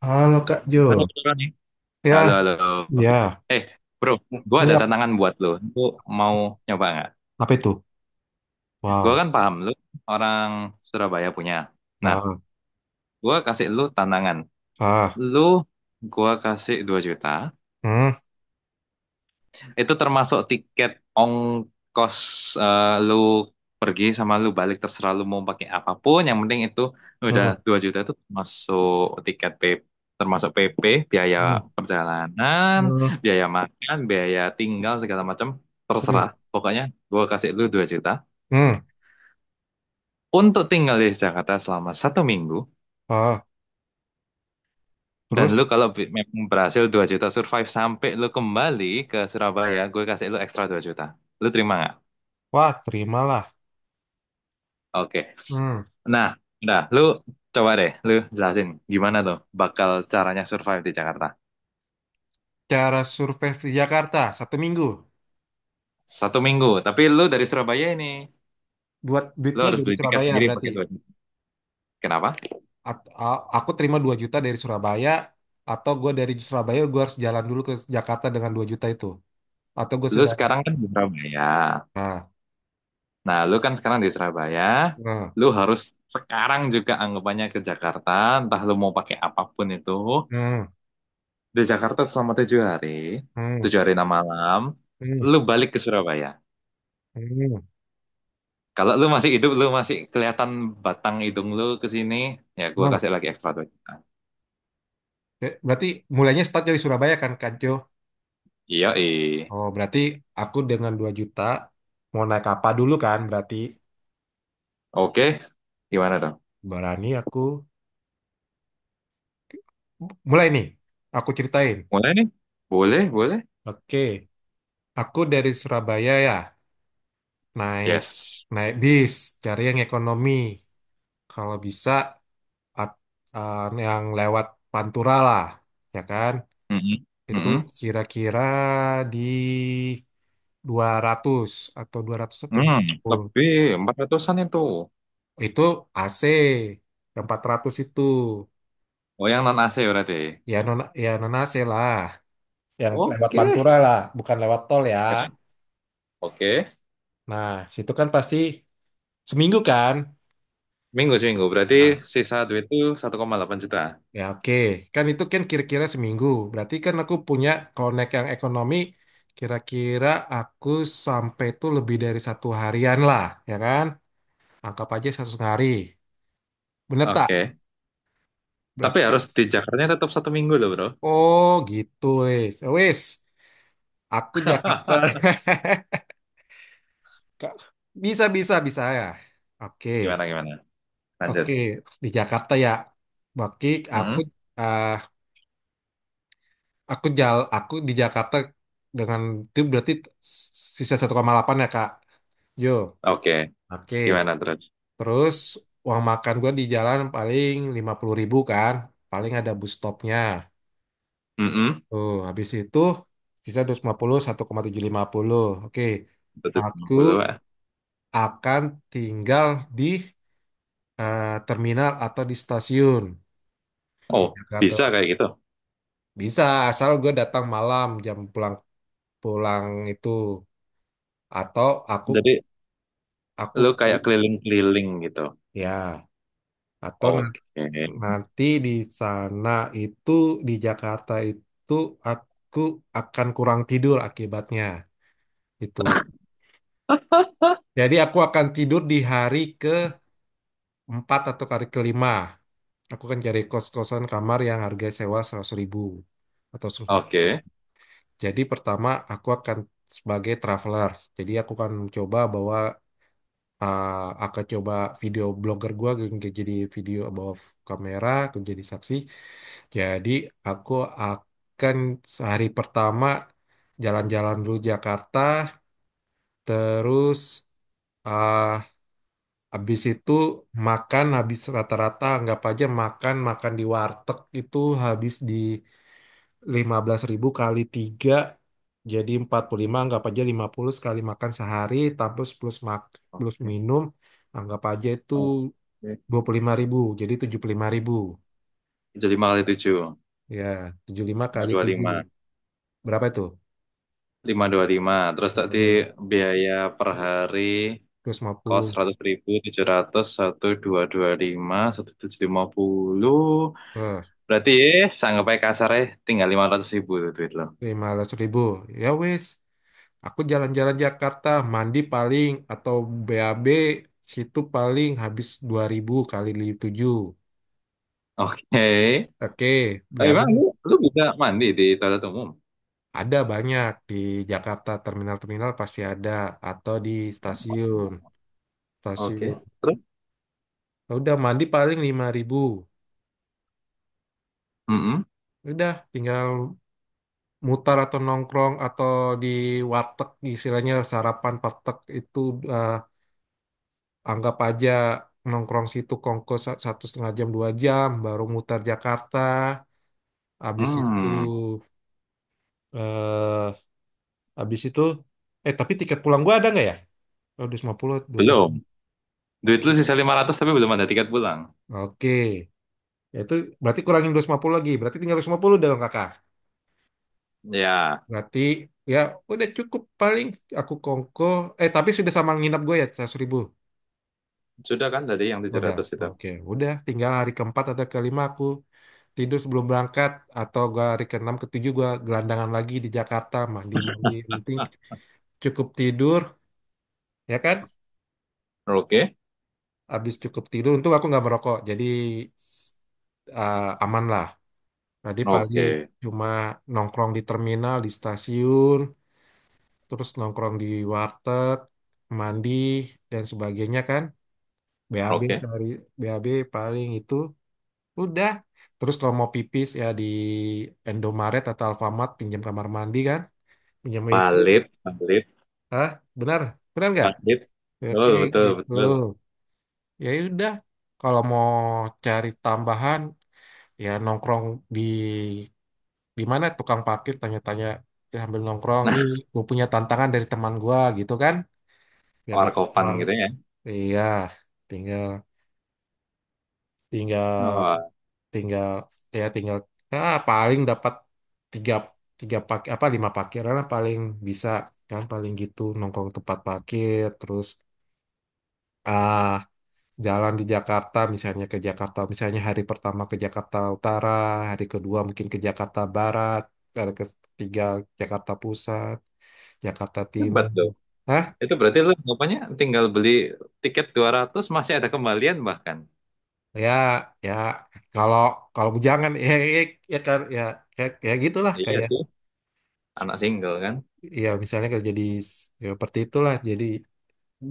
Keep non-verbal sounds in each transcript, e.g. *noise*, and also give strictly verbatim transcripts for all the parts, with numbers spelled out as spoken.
Halo Kak Halo, Jo. beneran nih. Halo, Ya, halo. ya. Eh, bro, gue ada Ya. tantangan buat lo. Lo mau nyoba nggak? Apa itu? Gue Wow. kan paham lo orang Surabaya punya. Nah, Ah, gue kasih lo tantangan. ah. Lo, gue kasih dua juta. Hmm, Itu termasuk tiket ongkos eh, lu pergi sama lu balik terserah lu mau pakai apapun. Yang penting itu udah hmm, dua juta itu termasuk tiket P termasuk P P, biaya hmm, perjalanan, hmm, biaya makan, biaya tinggal segala macam hmm, terserah. Pokoknya gua kasih lu dua juta hmm. untuk tinggal di Jakarta selama satu minggu. Ah, Dan lu terus, kalau bi- memang berhasil dua juta survive sampai lu kembali ke Surabaya, gue kasih lu ekstra dua juta. Lu terima nggak? wah, terimalah. Oke. Hmm. Nah, udah, lu coba deh, lu jelasin gimana tuh bakal caranya survive di Jakarta. Cara survei di Jakarta satu minggu. Satu minggu, tapi lu dari Surabaya ini, Buat lu duitnya harus dari beli tiket Surabaya sendiri berarti. pakai duit. Kenapa? At- a- aku terima dua juta dari Surabaya, atau gue dari Surabaya gue harus jalan dulu ke Jakarta dengan dua juta itu. Atau gue Lu sudah. sekarang kan di Surabaya. Nah, Nah, lu kan sekarang di Surabaya, nah, lu harus sekarang juga anggapannya ke Jakarta, entah lu mau pakai apapun itu. hmm, hmm, Di Jakarta selama tujuh hari, hmm, tujuh hari enam malam, hmm, lu balik ke Surabaya. hmm. Kalau lu masih hidup, lu masih kelihatan batang hidung lu ke sini, ya gua Hmm. kasih lagi ekstra duit. Be- Berarti mulainya start dari Surabaya kan, Kak Jo? Iya, eh. Oh, berarti aku dengan dua juta mau naik apa dulu kan? Berarti Oke, gimana dong? berani aku mulai nih. Aku ceritain. Mulai nih? Boleh, boleh. Oke, aku dari Surabaya ya, naik Yes. naik bis, cari yang ekonomi. Kalau bisa at- eh, yang lewat Pantura lah, ya kan? Mm-mm. Itu Mm-mm. kira-kira di dua ratus atau dua ratus atau dua Hmm, puluh. lebih empat ratusan itu. Itu A C. Yang empat ratus itu Oh, yang non-A C berarti. ya non, ya non A C lah, yang lewat Oke. Pantura lah, bukan lewat tol ya. Oke. Oke. Nah, situ kan pasti seminggu kan. Minggu seminggu, berarti Nah, sisa duit itu satu koma delapan juta. ya oke. Kan itu kan kira-kira seminggu, berarti kan aku punya connect yang ekonomi, kira-kira aku sampai tuh lebih dari satu harian lah, ya kan, anggap aja satu setengah hari, bener tak, Oke. Tapi berarti. harus di Jakarta tetap satu minggu loh, bro. Oh gitu, wes wes, aku Jakarta. *laughs* *laughs* Kak, bisa, bisa, bisa ya. Oke, Gimana, gimana? oke. Lanjut. Di Jakarta ya. Baki, aku, Mm-mm. eh aku jal, aku di Jakarta dengan itu berarti sisa satu koma delapan ya Kak. Yo, Oke. oke. Gimana terus? Terus uang makan gua di jalan paling lima puluh ribu kan. Paling ada bus stopnya. Mm-mm. Tuh, habis itu sisa dua ratus lima puluh, satu koma tujuh lima, satu koma tujuh lima nol. Oke. Aku seratus lima puluh. akan tinggal di eh, terminal atau di stasiun. Di Oh, Jakarta bisa kayak gitu. bisa asal gue datang malam jam pulang pulang itu, atau aku Jadi, aku lu kayak keliling-keliling gitu. ya, atau na- Oke. *laughs* nanti di sana itu, di Jakarta itu aku akan kurang tidur akibatnya itu. Jadi aku akan tidur di hari keempat atau hari kelima. Aku akan cari kos-kosan kamar yang harga sewa seratus ribu atau seratus lima puluh. Oke. Jadi pertama aku akan sebagai traveler. Jadi aku akan coba bawa, eh, akan coba video blogger gua, kayak jadi video above, kamera aku jadi saksi. Jadi aku akan hari pertama jalan-jalan dulu Jakarta, terus ah habis itu makan, habis rata-rata anggap aja makan makan di warteg itu, habis di lima belas ribu kali tiga jadi empat puluh lima, anggap aja lima puluh sekali makan sehari, terus plus mak plus Oke. minum anggap aja itu Oke. dua puluh lima ribu, jadi tujuh puluh lima ribu. Jadi lima kali tujuh. Ya, tujuh puluh lima Lima ratus dua kali puluh tujuh lima. berapa itu, Lima ratus dua puluh lima. Terus tadi dua ratus biaya per hari lima kos puluh seratus ribu tujuh ratus satu dua ratus dua puluh lima satu tujuh ratus lima puluh. eh Berarti eh, sanggup aja kasar eh, tinggal lima ratus ribu tuh duit lo. lima belas ribu. Ya wes, aku jalan-jalan Jakarta, mandi paling atau B A B situ paling habis dua ribu kali tujuh. Oke. Eh, Oke, Emang lu, B A B. lu bisa mandi di toilet umum? Ada banyak di Jakarta, terminal-terminal pasti ada, atau di stasiun. Oke. Stasiun. Terus? Ya udah, mandi paling lima ribu. Mm-mm. Ya udah, tinggal mutar atau nongkrong atau di warteg, istilahnya sarapan warteg itu, eh, anggap aja nongkrong situ kongko sa- satu setengah jam, dua jam, baru mutar Jakarta. Habis itu, Hmm. eh habis itu eh tapi tiket pulang gua ada nggak ya? Oh, dua ratus lima puluh, puluh, dua ratus lima Belum. puluh. Duit lu sisa lima ratus tapi belum ada tiket pulang. Oke. Ya itu berarti kurangin dua ratus lima puluh lagi. Berarti tinggal dua ratus lima puluh dong kakak. Ya, Berarti ya udah, cukup paling aku kongko. Eh tapi sudah sama nginap gue ya seratus ribu. sudah kan tadi yang tujuh Udah. ratus itu. Oke. Udah, tinggal hari keempat atau kelima aku tidur sebelum berangkat. Atau gue hari keenam ketujuh gue gelandangan lagi di Jakarta. Mandi-mandi. Yang penting Ah, cukup tidur. Ya kan? oke, Habis cukup tidur. Untung aku nggak merokok. Jadi eh, aman lah. Tadi paling oke, cuma nongkrong di terminal, di stasiun, terus nongkrong di warteg, mandi, dan sebagainya kan. B A B oke. sehari, B A B paling, itu udah. Terus kalau mau pipis ya di Indomaret atau Alfamart pinjam kamar mandi kan, pinjam W C. Valid, valid, Hah? Benar? Benar nggak? valid. Oke, Betul, betul, gitu. betul. Ya udah. Kalau mau cari tambahan ya nongkrong di di mana tukang parkir, tanya-tanya ya sambil nongkrong Nah, nih, gue punya tantangan dari teman gue gitu kan, *laughs* biar dapat warkopan uang. gitu ya. Iya, tinggal tinggal Wah, tinggal, ya tinggal, ah paling dapat tiga, tiga pak apa lima parkiran lah paling bisa, kan paling gitu nongkrong tempat parkir. Terus ah jalan di Jakarta, misalnya ke Jakarta, misalnya hari pertama ke Jakarta Utara, hari kedua mungkin ke Jakarta Barat, hari ketiga Jakarta Pusat, Jakarta hebat Timur. tuh. Itu berarti lo anggapannya tinggal beli tiket dua ratus masih ada kembalian bahkan. Ya, ya, kalau kalau bujangan ya, ya, ya kan, ya, ya, ya gitulah, Iya kayak sih, anak single kan. ya misalnya kerja di, ya, seperti itulah. Jadi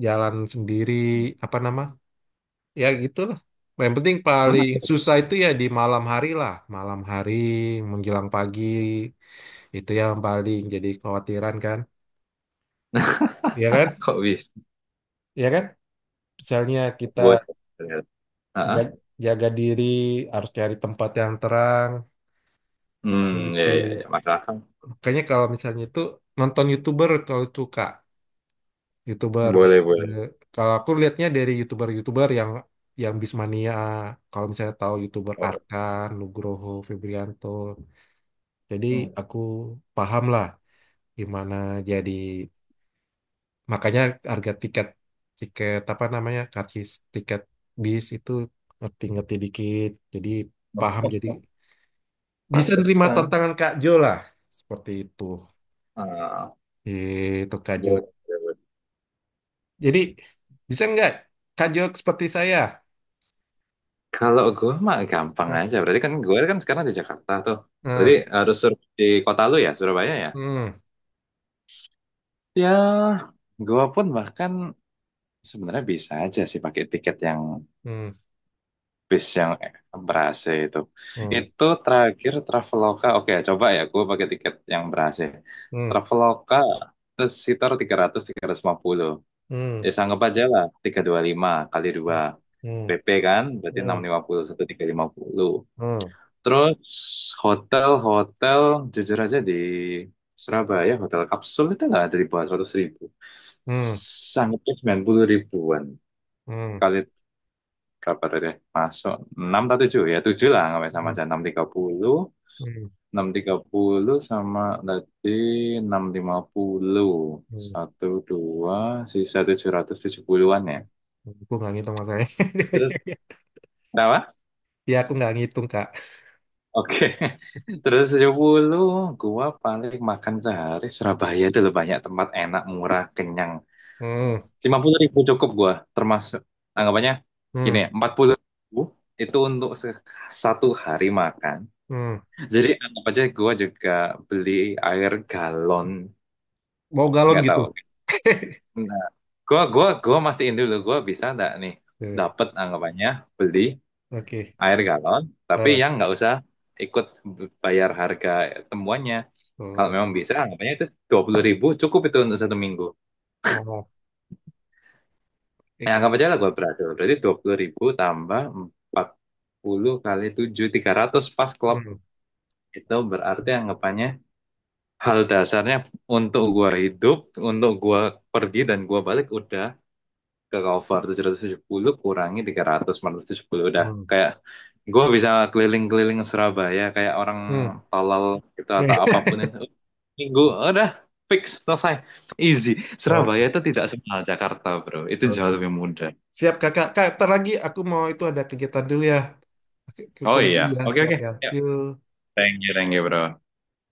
jalan sendiri, apa nama, ya gitulah. Yang penting paling Mana? susah itu ya di malam hari lah, malam hari menjelang pagi, itu yang paling jadi khawatiran kan. Ya kan, *laughs* Kok bisa? ya kan, misalnya kita Boleh. Heeh. ja- jaga diri, harus cari tempat yang terang Hmm, ya, begitu. ya, ya. Masuk akal. Kayaknya kalau misalnya itu nonton YouTuber kalau itu Kak, YouTuber biar- Boleh, boleh. eh, kalau aku lihatnya dari YouTuber-YouTuber yang yang Bismania, kalau misalnya tahu YouTuber Oh, Arkan, Nugroho, Febrianto. Jadi hmm. aku paham lah gimana, jadi makanya harga tiket, tiket apa namanya, karcis tiket bis itu, ngerti-ngerti dikit. Jadi paham, Oh, jadi bisa nerima pantesan. tantangan Kak Jo lah. Seperti itu. Ah, Itu Kak Jo. boleh. Jadi bisa nggak Kak Jok seperti saya? Kalau gue mah gampang Nah, aja. Berarti kan gue kan sekarang di Jakarta tuh. Berarti nah, harus sur- di kota lu ya, Surabaya ya? hmm, Ya, gue pun bahkan sebenarnya bisa aja sih pakai tiket yang hmm, bis yang berase itu. hmm, Itu terakhir Traveloka. Oke, coba ya gue pakai tiket yang berase. hmm, Traveloka terus sekitar tiga ratus tiga ratus lima puluh. hmm, Ya sanggup aja lah tiga ratus dua puluh lima kali dua. hmm, P P kan berarti hmm, enam hmm, ratus lima puluh seribu tiga ratus lima puluh. hmm, Terus hotel-hotel jujur aja di Surabaya hotel kapsul itu nggak ada di bawah seratus ribu. hmm, Sangatnya sembilan puluh ribuan. Kali berapa tadi? Masuk enam atau tujuh ya tujuh lah nggak sama hmm, aja enam ratus tiga puluh hmm, enam ratus tiga puluh sama tadi enam ratus lima puluh hmm. satu, dua, sisa tujuh ratus tujuh puluhan-an ya. Aku nggak ngitung masalahnya. Terus *laughs* apa? Ya aku nggak ngitung Kak. Oke, *laughs* terus tujuh puluh gua paling makan sehari Surabaya itu loh banyak tempat enak, murah, kenyang. Hmm, Lima puluh ribu cukup gua termasuk anggapannya hmm, gini ya, empat puluh ribu itu untuk se- satu hari makan. hmm. Jadi anggap aja gua juga beli air galon, Mau galon nggak gitu. tahu. *laughs* Nah, gua gua gua mastiin dulu gua bisa nggak nih Eh, dapat anggapannya beli oke. air galon, tapi Eh, yang nggak usah ikut bayar harga temuannya. Kalau oh, memang bisa, anggapannya itu dua puluh ribu cukup itu untuk satu minggu. oh, Ya, oke. anggap aja lah gue berhasil. Berarti dua puluh ribu tambah empat puluh kali tujuh tiga ratus pas klub. Hmm, Itu berarti anggapannya hal dasarnya untuk gue hidup, untuk gue pergi dan gue balik udah ke cover tujuh tujuh ratus tujuh puluh kurangi tiga ratus, empat ratus tujuh puluh udah hmm, kayak gue bisa keliling-keliling Surabaya kayak orang hmm. tolol gitu atau apapun *laughs* itu. Gue udah fix selesai. Easy. Oke, Surabaya itu tidak semahal Jakarta, bro. Itu jauh oke. lebih mudah. Siap kakak. Kak, ntar lagi aku mau itu ada kegiatan dulu ya. Oke, ke Oh keluar iya. dulu ya, Oke, siap oke. ya. Ya, Yuk. Thank you, thank you, bro.